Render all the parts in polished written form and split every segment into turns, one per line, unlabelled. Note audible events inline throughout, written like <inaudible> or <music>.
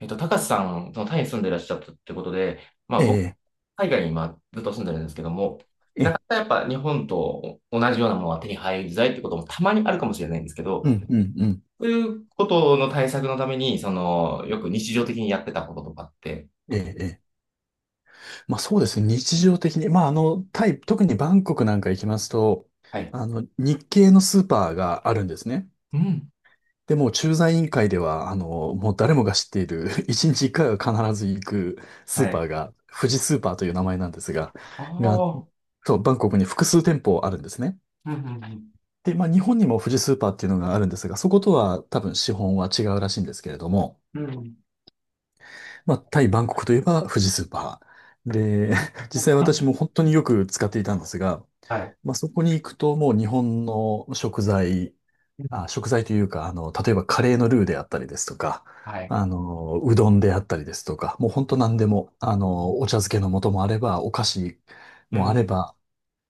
高瀬さん、そのタイに住んでらっしゃったってことで、まあ
え
僕、
え、
海外に今ずっと住んでるんですけども、
え
な
え、
かなかやっぱ日本と同じようなものは手に入りづらいってこともたまにあるかもしれないんですけ
う
ど、
ん、うん、うん。
そういうことの対策のために、その、よく日常的にやってたこととかって。
ええ、ええ。まあそうですね。日常的に。まああの、タイ、特にバンコクなんか行きますと、
はい。
あの、日系のスーパーがあるんですね。
うん。
で、もう駐在委員会では、あの、もう誰もが知っている、<laughs> 一日一回は必ず行くス
は
ーパ
い。
ーが、富士スーパーという名前なんですが、
あ
が、
あ。
そう、バンコクに複数店舗あるんですね。
うんうん
で、まあ日本にも富士スーパーっていうのがあるんですが、そことは多分資本は違うらしいんですけれども、
うん。うん。
まあ、タイ・バンコクといえば富士スーパー。で、<laughs> 実際私も本当によく使っていたんですが、
はい。
まあ、そこに行くともう日本の食材、
うん
あ、食材というか、あの、例えばカレーのルーであったりですとか、
はい。
あの、うどんであったりですとか、もう本当何でも、あの、お茶漬けの素もあれば、お菓子
う
もあれ
ん。
ば、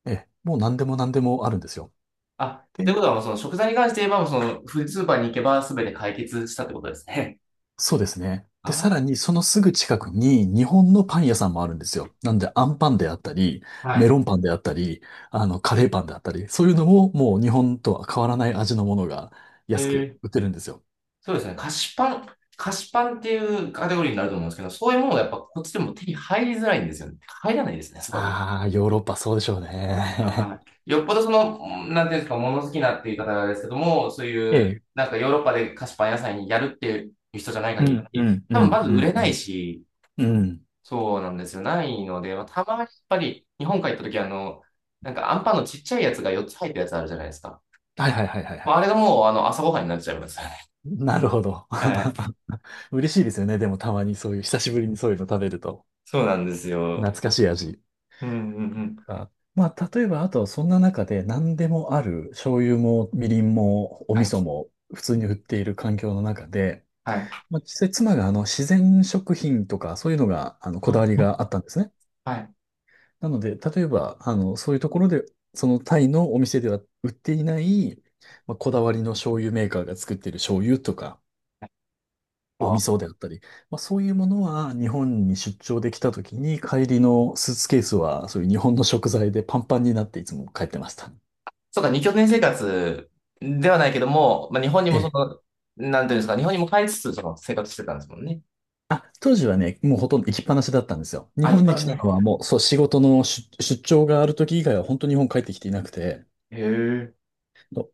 え、もう何でも何でもあるんですよ。
あ、ということはもうその食材に関して言えば、もうそのフースーパーに行けば全て解決したってことですね。
そうですね。で、
あ、
さらにそのすぐ近くに日本のパン屋さんもあるんですよ。なんで、アンパンであったり、
は
メロ
い。
ンパンであったり、あの、カレーパンであったり、そういうのももう日本とは変わらない味のものが
へ
安く
え、
売ってるんですよ。
そうですね。菓子パンっていうカテゴリーになると思うんですけど、そういうものがやっぱこっちでも手に入りづらいんですよね。入らないですね、そこら。
ああ、ヨーロッパそうでしょうね。
はい。よっぽどその、なんていうんですか、物好きなっていう方ですけども、そう
<laughs>
いう、
ええ。
なんかヨーロッパで菓子パン屋さんにやるっていう人じゃない
う
限
ん、う
り、
ん、う
多
ん、
分まず
う
売れない
ん、
し、
うん。うん。
そうなんですよ。ないので、まあ、たまにやっぱり日本帰った時なんかアンパンのちっちゃいやつが4つ入ったやつあるじゃないですか。
はいはいはいはい
ま
は
ああ
い。
れがもうあの朝ごはんになっちゃいますよね。
なるほど。
はい。
<laughs> 嬉しいですよね。でもたまにそういう、久しぶりにそういうの食べると。
そうなんですよ。
懐かしい味。
うんうんうん
か。まあ、例えば、あと、そんな中で何でもある、醤油も、みりんも、お
は
味
い。
噌も、普通
う
に
ん
売っている環境の中で、
はい。
まあ、実際、妻が、あの、自然食品とか、そういうのが、あの、こだわり
あ
があったんですね。
はい。
なので、例えば、あの、そういうところで、そのタイのお店では売っていない、まあ、こだわりの醤油メーカーが作っている醤油とか、お味
あ、
噌であったり、まあ、そういうものは日本に出張できた時に帰りのスーツケースはそういう日本の食材でパンパンになっていつも帰ってました。
そうか、二拠点生活ではないけども、まあ、日本に
え
もそ
え。
の、なんていうんですか、日本にも帰りつつ、その生活してたんですもんね。
あ、当時はね、もうほとんど行きっぱなしだったんですよ。日
あ、一
本に
般
来
の。
た
へ
のはもう、そう、仕事の出張がある時以外は本当に日本帰ってきていなくて。
え。
そ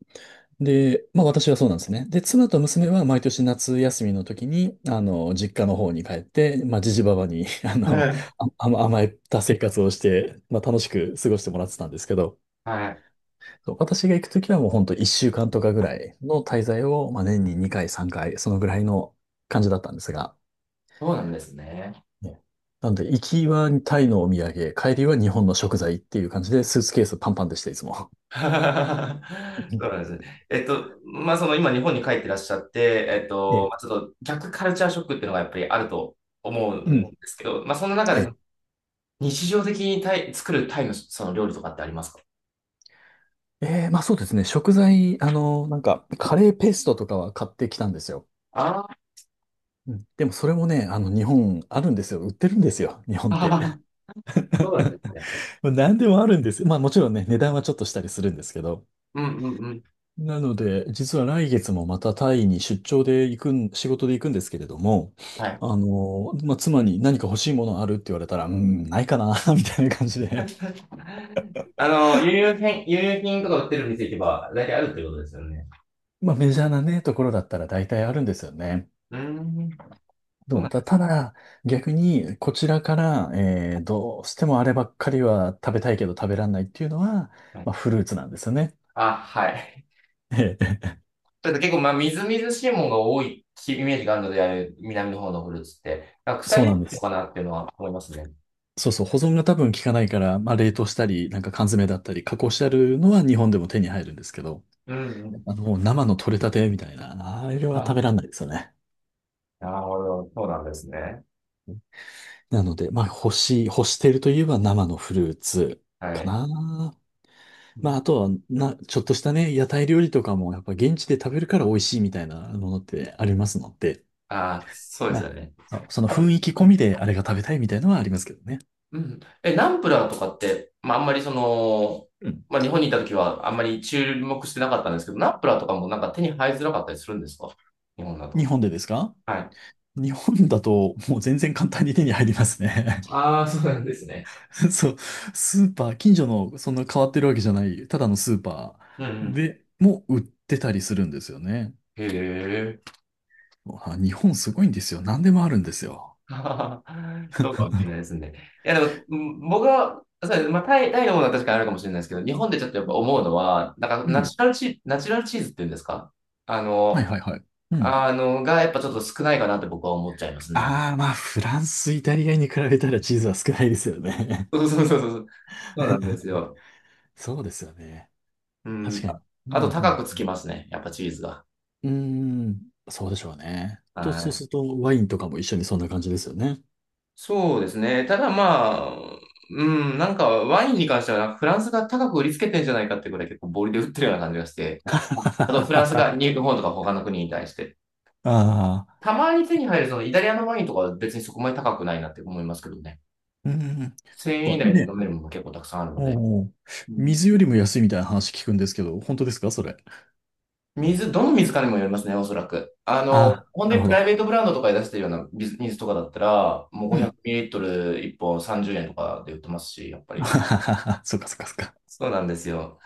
うで、まあ私はそうなんですね。で、妻と娘は毎年夏休みの時に、あの、実家の方に帰って、まあ、じじばばに、<laughs> あ
は
の、
い
あ、甘えた生活をして、まあ楽しく過ごしてもらってたんですけど、
はい。
そう私が行く時はもう本当1週間とかぐらいの滞在を、まあ年に2回、3回、そのぐらいの感じだったんですが、
そうなんですね。
ねなんで、行きはタイのお土産、帰りは日本の食材っていう感じで、スーツケースパンパンでした、いつも。
<laughs> そうなんで
<laughs>
すね。まあ、その今日本に帰ってらっしゃって、
ええ、
まあ、ちょっと逆カルチャーショックっていうのがやっぱりあると思う
う
んで
ん。
すけど、まあ、そんな中
え
でその
え、
日常的にタイ、作るタイのその料理とかってありますか？
ええまあそうですね。食材、あの、なんか、カレーペーストとかは買ってきたんですよ。
あ
うん、でもそれもね、あの、日本あるんですよ。売ってるんですよ。日本って。
あー、<laughs> そうなんですね
<laughs> 何でもあるんですよ。まあもちろんね、値段はちょっとしたりするんですけど。
うんうんうん。
なので、実は来月もまたタイに出張で行くん、仕事で行くんですけれども、
はい。
あの、まあ、妻に何か欲しいものあるって言われたら、うん、ないかな、<laughs> みたいな感じで。
<laughs> あの、輸入品とか売ってる店行けば、大体あるってことですよね。
まあ、メジャーなね、ところだったら大体あるんですよね。
うーん。そう
ど
な
う
ん
た、た
で
だ、逆に、こちらから、どうしてもあればっかりは食べたいけど食べらんないっていうのは、
すね。
まあ、フルーツなんですよね。
あ、はい。
ええ
ただ結構、まあ、みずみずしいものが多いイメージがあるので、あれ南の方のフルーツって、なんか腐
そ
り
う
や
なん
す
で
いの
す。
かなっていうのは思いますね。
そうそう、保存が多分効かないから、まあ、冷凍したり、なんか缶詰だったり、加工してあるのは日本でも手に入るんですけど、
うんうんうん。
あの、もう生の取れたてみたいな、あれは食
あ、
べらんないですよね。
なるほど。そうなんですね。
なので、まあ、干しているといえば生のフルーツ
は
か
い。
な。
う
まあ、あ
ん
とは、ちょっとしたね、屋台料理とかも、やっぱ現地で食べるから美味しいみたいなものってありますので、
あ、そうで
ま
す
あ、
よね。
そうその
あ
雰
と、
囲気込みであれが食べたいみたいなのはありますけどね。
うん。え、ナンプラーとかって、まあ、あんまりその、
うん。
まあ、日本にいた時はあんまり注目してなかったんですけど、ナンプラーとかもなんか手に入りづらかったりするんですか？日本だ
日
と。
本でですか？
はい。
日本だと、もう全然簡単に手に入りますね。
ああ、そうなんですね。
<laughs> そう、スーパー、近所のそんな変わってるわけじゃない、ただのスーパ
うんう
ー
ん
でも売ってたりするんですよね。
へえ。
あ日本すごいんですよ。何でもあるんですよ。
<laughs> そうかもしれないですね。いや、でも、うん僕は、そうですまあ、タイのものは確かにあるかもしれないですけど、日本でちょっとやっぱ思うのは、なん
う
か、ナ
ん。
チュラルチ、ナチュラルチーズっていうんですか？あ
はい
の、
はいはい。うん。
あの、がやっぱちょっと少ないかなって僕は思っちゃいますね。
ああ、まあ、フランス、イタリアに比べたらチーズは少ないですよね。
そうそうそうそう。そうなんです
<laughs>
よ。
そうですよね。
う
確
ん。
か
あ
に。う
あと高くつ
ん、
きますね。やっぱチーズが。
うん。うーん、そうでしょうね。
は
そう
い。
すると、ワインとかも一緒にそんな感じですよね。
そうですね。ただまあ、うん、なんかワインに関してはなんかフランスが高く売りつけてんじゃないかってぐらい結構ボリで売ってるような感じがして。ああとフランス
<laughs> あ
が日本とか他の国に対して。
あ、
たまに手に入るそのイタリアのワインとかは別にそこまで高くないなって思いますけどね。
うん。だ
1,000円
か
以
ら
内で飲
ね
めるものも結構たくさんあるので。
おお
うん
水よりも安いみたいな話聞くんですけど、本当ですかそれ？
水、どの水かにもよりますね、おそらく。あ
あ
の、
あ、
本
な
当
る
に
ほ
プライ
ど。
ベートブランドとかで出してるような水とかだったら、もう
うん。
500ml 1本30円とかで売ってますし、やっぱり。
<laughs> そっかそっかそっか。
そうなんですよ。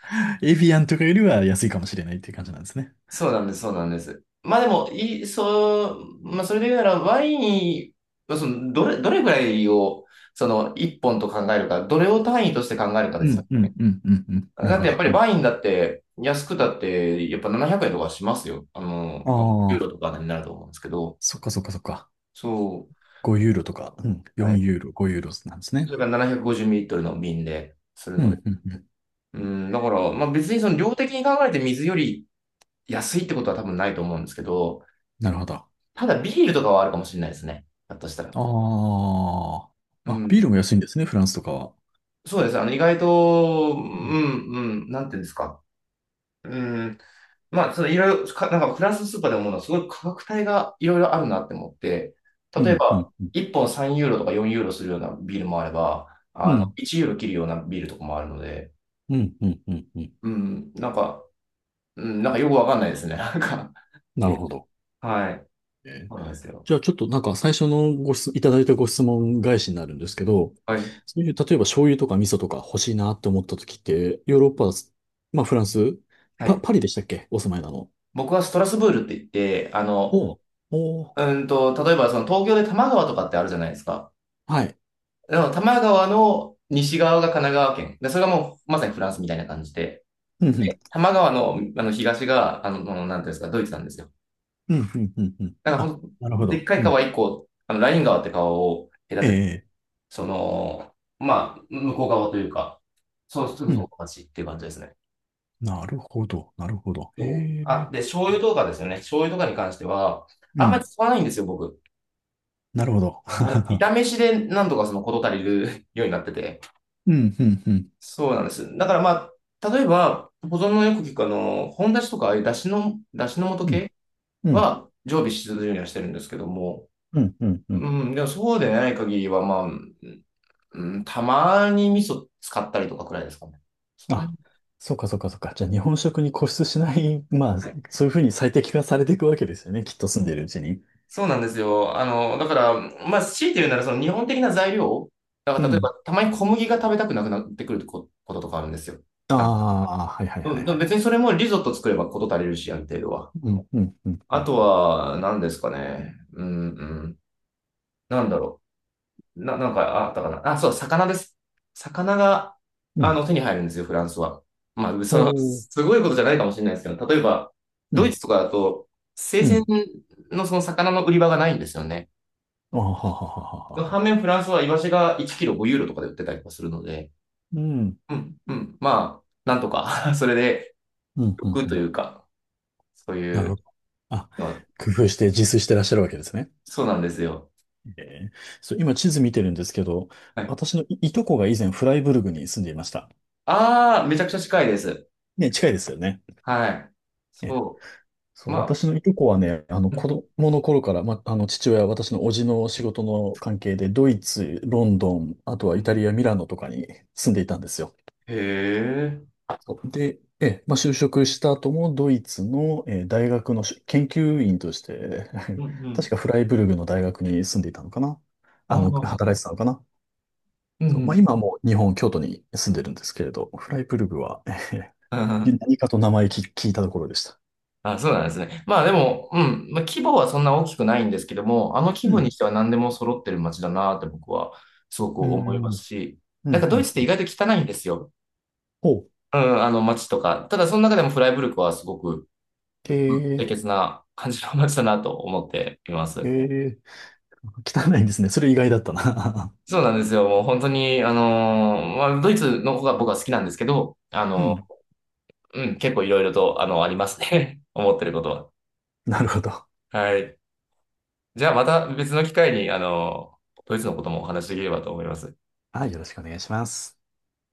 エビアンとかよりは安いかもしれないっていう感じなんですね。
そうなんです。まあでも、いい、そう、まあそれで言うなら、ワイン、まあその、どれぐらいを、その、1本と考えるか、どれを単位として考えるか
う
ですよ。
ん、うん、うん、うん、うん。なる
だっ
ほ
てやっ
ど。
ぱりワインだって、安くだって、やっぱ700円とかしますよ。あ
あ
の、まあ、ユーロ
あ、
とかになると思うんですけど、
そっかそっかそっか。
そう。
5ユーロとか、うん、
は
4
い
ユーロ、5ユーロなんです
そ
ね。
れから750ミリリットルの瓶でする
う
の
ん、
で。
うん、うん。
うん、だから、まあ別にその量的に考えて水より安いってことは多分ないと思うんですけど、
なるほど。あ
ただビールとかはあるかもしれないですね。だとしたら。う
あ。あ、ビー
ん。
ルも安いんですね、フランスとかは。
そうです。あの、意外と、う
うん、
ん、うん、なんていうんですか。うん。まあ、そのいろいろか、なんかフランスのスーパーで思うのはすごい価格帯がいろいろあるなって思って、
う
例え
ん、う
ば、
ん、うん。
1本3ユーロとか4ユーロするようなビールもあれば、
う
あの、
ん、
1ユーロ切るようなビールとかもあるので、
うん、うん、うん。うん
うん、なんか、うん、なんかよくわかんないですね。なんか、
なるほど。
はい。
えー
そうなんですよ。
じゃあちょっとなんか最初のいただいたご質問返しになるんですけど、
はい。
そういう、例えば醤油とか味噌とか欲しいなって思った時って、ヨーロッパ、まあフランス、
はい。
パリでしたっけお住まいなの？
僕はストラスブールって言って、あの、
おうおう
うんと、例えばその東京で多摩川とかってあるじゃないですか。
はい。
でも多摩川の西側が神奈川県。で、それがもうまさにフランスみたいな感じで。
うんうん。
で、多摩川の、あの東が、あの、あのなんていうんですか、ドイツなんですよ。
うんうんうんうん。
だからほ
あ、
んと、
なるほ
でっ
ど。
か
う
い
ん。
川一個、あの、ライン川って川を隔てて、
ええ
その、まあ、向こう側というか、そう、すぐ
う
そ
ん。
こが街っていう感じですね。
なるほど。なるほど。へ
そう。
え。
あ、で、醤油とかですよね。醤油とかに関しては、
う
あんまり
ん。
使わないんですよ、僕。
なるほど。
あ
<laughs>
の、炒めしでなんとかその事足りる <laughs> ようになってて。
うんうんうん。
そうなんです。だからまあ、例えば、保存のよく聞くあの、本出しとか、ああいう出汁の素
うん
系
うん
は常備し続けるようにはしてるんですけども、
うんうんうん。
うん、でもそうでない限りは、まあ、うん、たまに味噌使ったりとかくらいですかね。そんな
あ、
に。
そうかそうかそうか。じゃあ日本食に固執しない、<laughs> まあ、
はい
そういうふうに最適化されていくわけですよね。きっと住んでるうちに。
そうなんですよ。あの、だから、まあ、強いて言うなら、その日本的な材料、だか
う
ら例え
ん。
ば、たまに小麦が食べたくなくなってくることとかあるんですよ。
あ
なんか、
あ、はいはい
う
はい
ん、でも
はい。
別にそれもリゾット作ればこと足りるし、ある程度は。
うん、うん、うん、う
あと
ん。
は、何ですかね。うん、うん。なんだろう。なんか、あったかな。あ、そう、魚です。魚が、
う
あ
ん。
の、手に入るんですよ、フランスは。まあ、
お
その、
ー
すごいことじゃないかもしれないですけど、例えば、
う
ドイ
ん、
ツとかだと、生
う
鮮
ん。
のその魚の売り場がないんですよね。
ああ、ははははは。
反面フランスはイワシが1キロ5ユーロとかで売ってたりとかするので、
うん、
うん、うん、まあ、なんとか <laughs> それで
うん、うん、
欲
う
と
ん。
いうか、そう
な
い
るほ
う
ど。あ、
のは、
工夫して自炊してらっしゃるわけですね。
そうなんですよ。
ええそう、今地図見てるんですけど、
はい。
私のいとこが以前フライブルグに住んでいました。
ああ、めちゃくちゃ近いです。
ね、近いですよね。
はい。
え
そう。
そう、
ま
私
あ、
のいとこはね、あの
う
子
ん
供の頃から、ま、あの父親、私の叔父の仕事の関係で、ドイツ、ロンドン、あとは
う
イタ
ん
リア、ミラノとかに住んでいたんですよ。
へえ。
そうで、ええ、まあ、就職した後もドイツの、大学の研究員として、
う
<laughs>
んう
確
ん。
かフライブルグの大学に住んでいたのかな。あ
あ
の、
あ、
働いてたのかな。
うんう
そう、まあ、
ん。
今はもう日本、京都に住んでるんですけれど、フライブルグは、
うん
<laughs>
うん
何かと名前聞いたところでした。
<laughs> あ、そうなんですね。まあでも、うん、まあ、規模はそんな大きくないんですけども、あの規
う
模に
ん。
しては何でも揃ってる街だなって僕はすごく
う
思いま
ん。う
す
ん。
し、
う
なんかドイツって意
ん。
外と汚いんですよ。
ほう。
うん、あの街とか。ただその中でもフライブルクはすごくうん清
え
潔な感じの街だなと思っていま
え
す。
ええ汚いんですね。それ意外だったな。
そうなんですよ。もう本当に、あのーまあ、ドイツの方が僕は好きなんですけど、あ
<laughs> う
の
ん。
うん、結構いろいろと、あの、ありますね。<laughs> 思ってること
なるほど。
は。はい。じゃあまた別の機会に、あのドイツのこともお話しできればと思います。
はい、よろしくお願いします。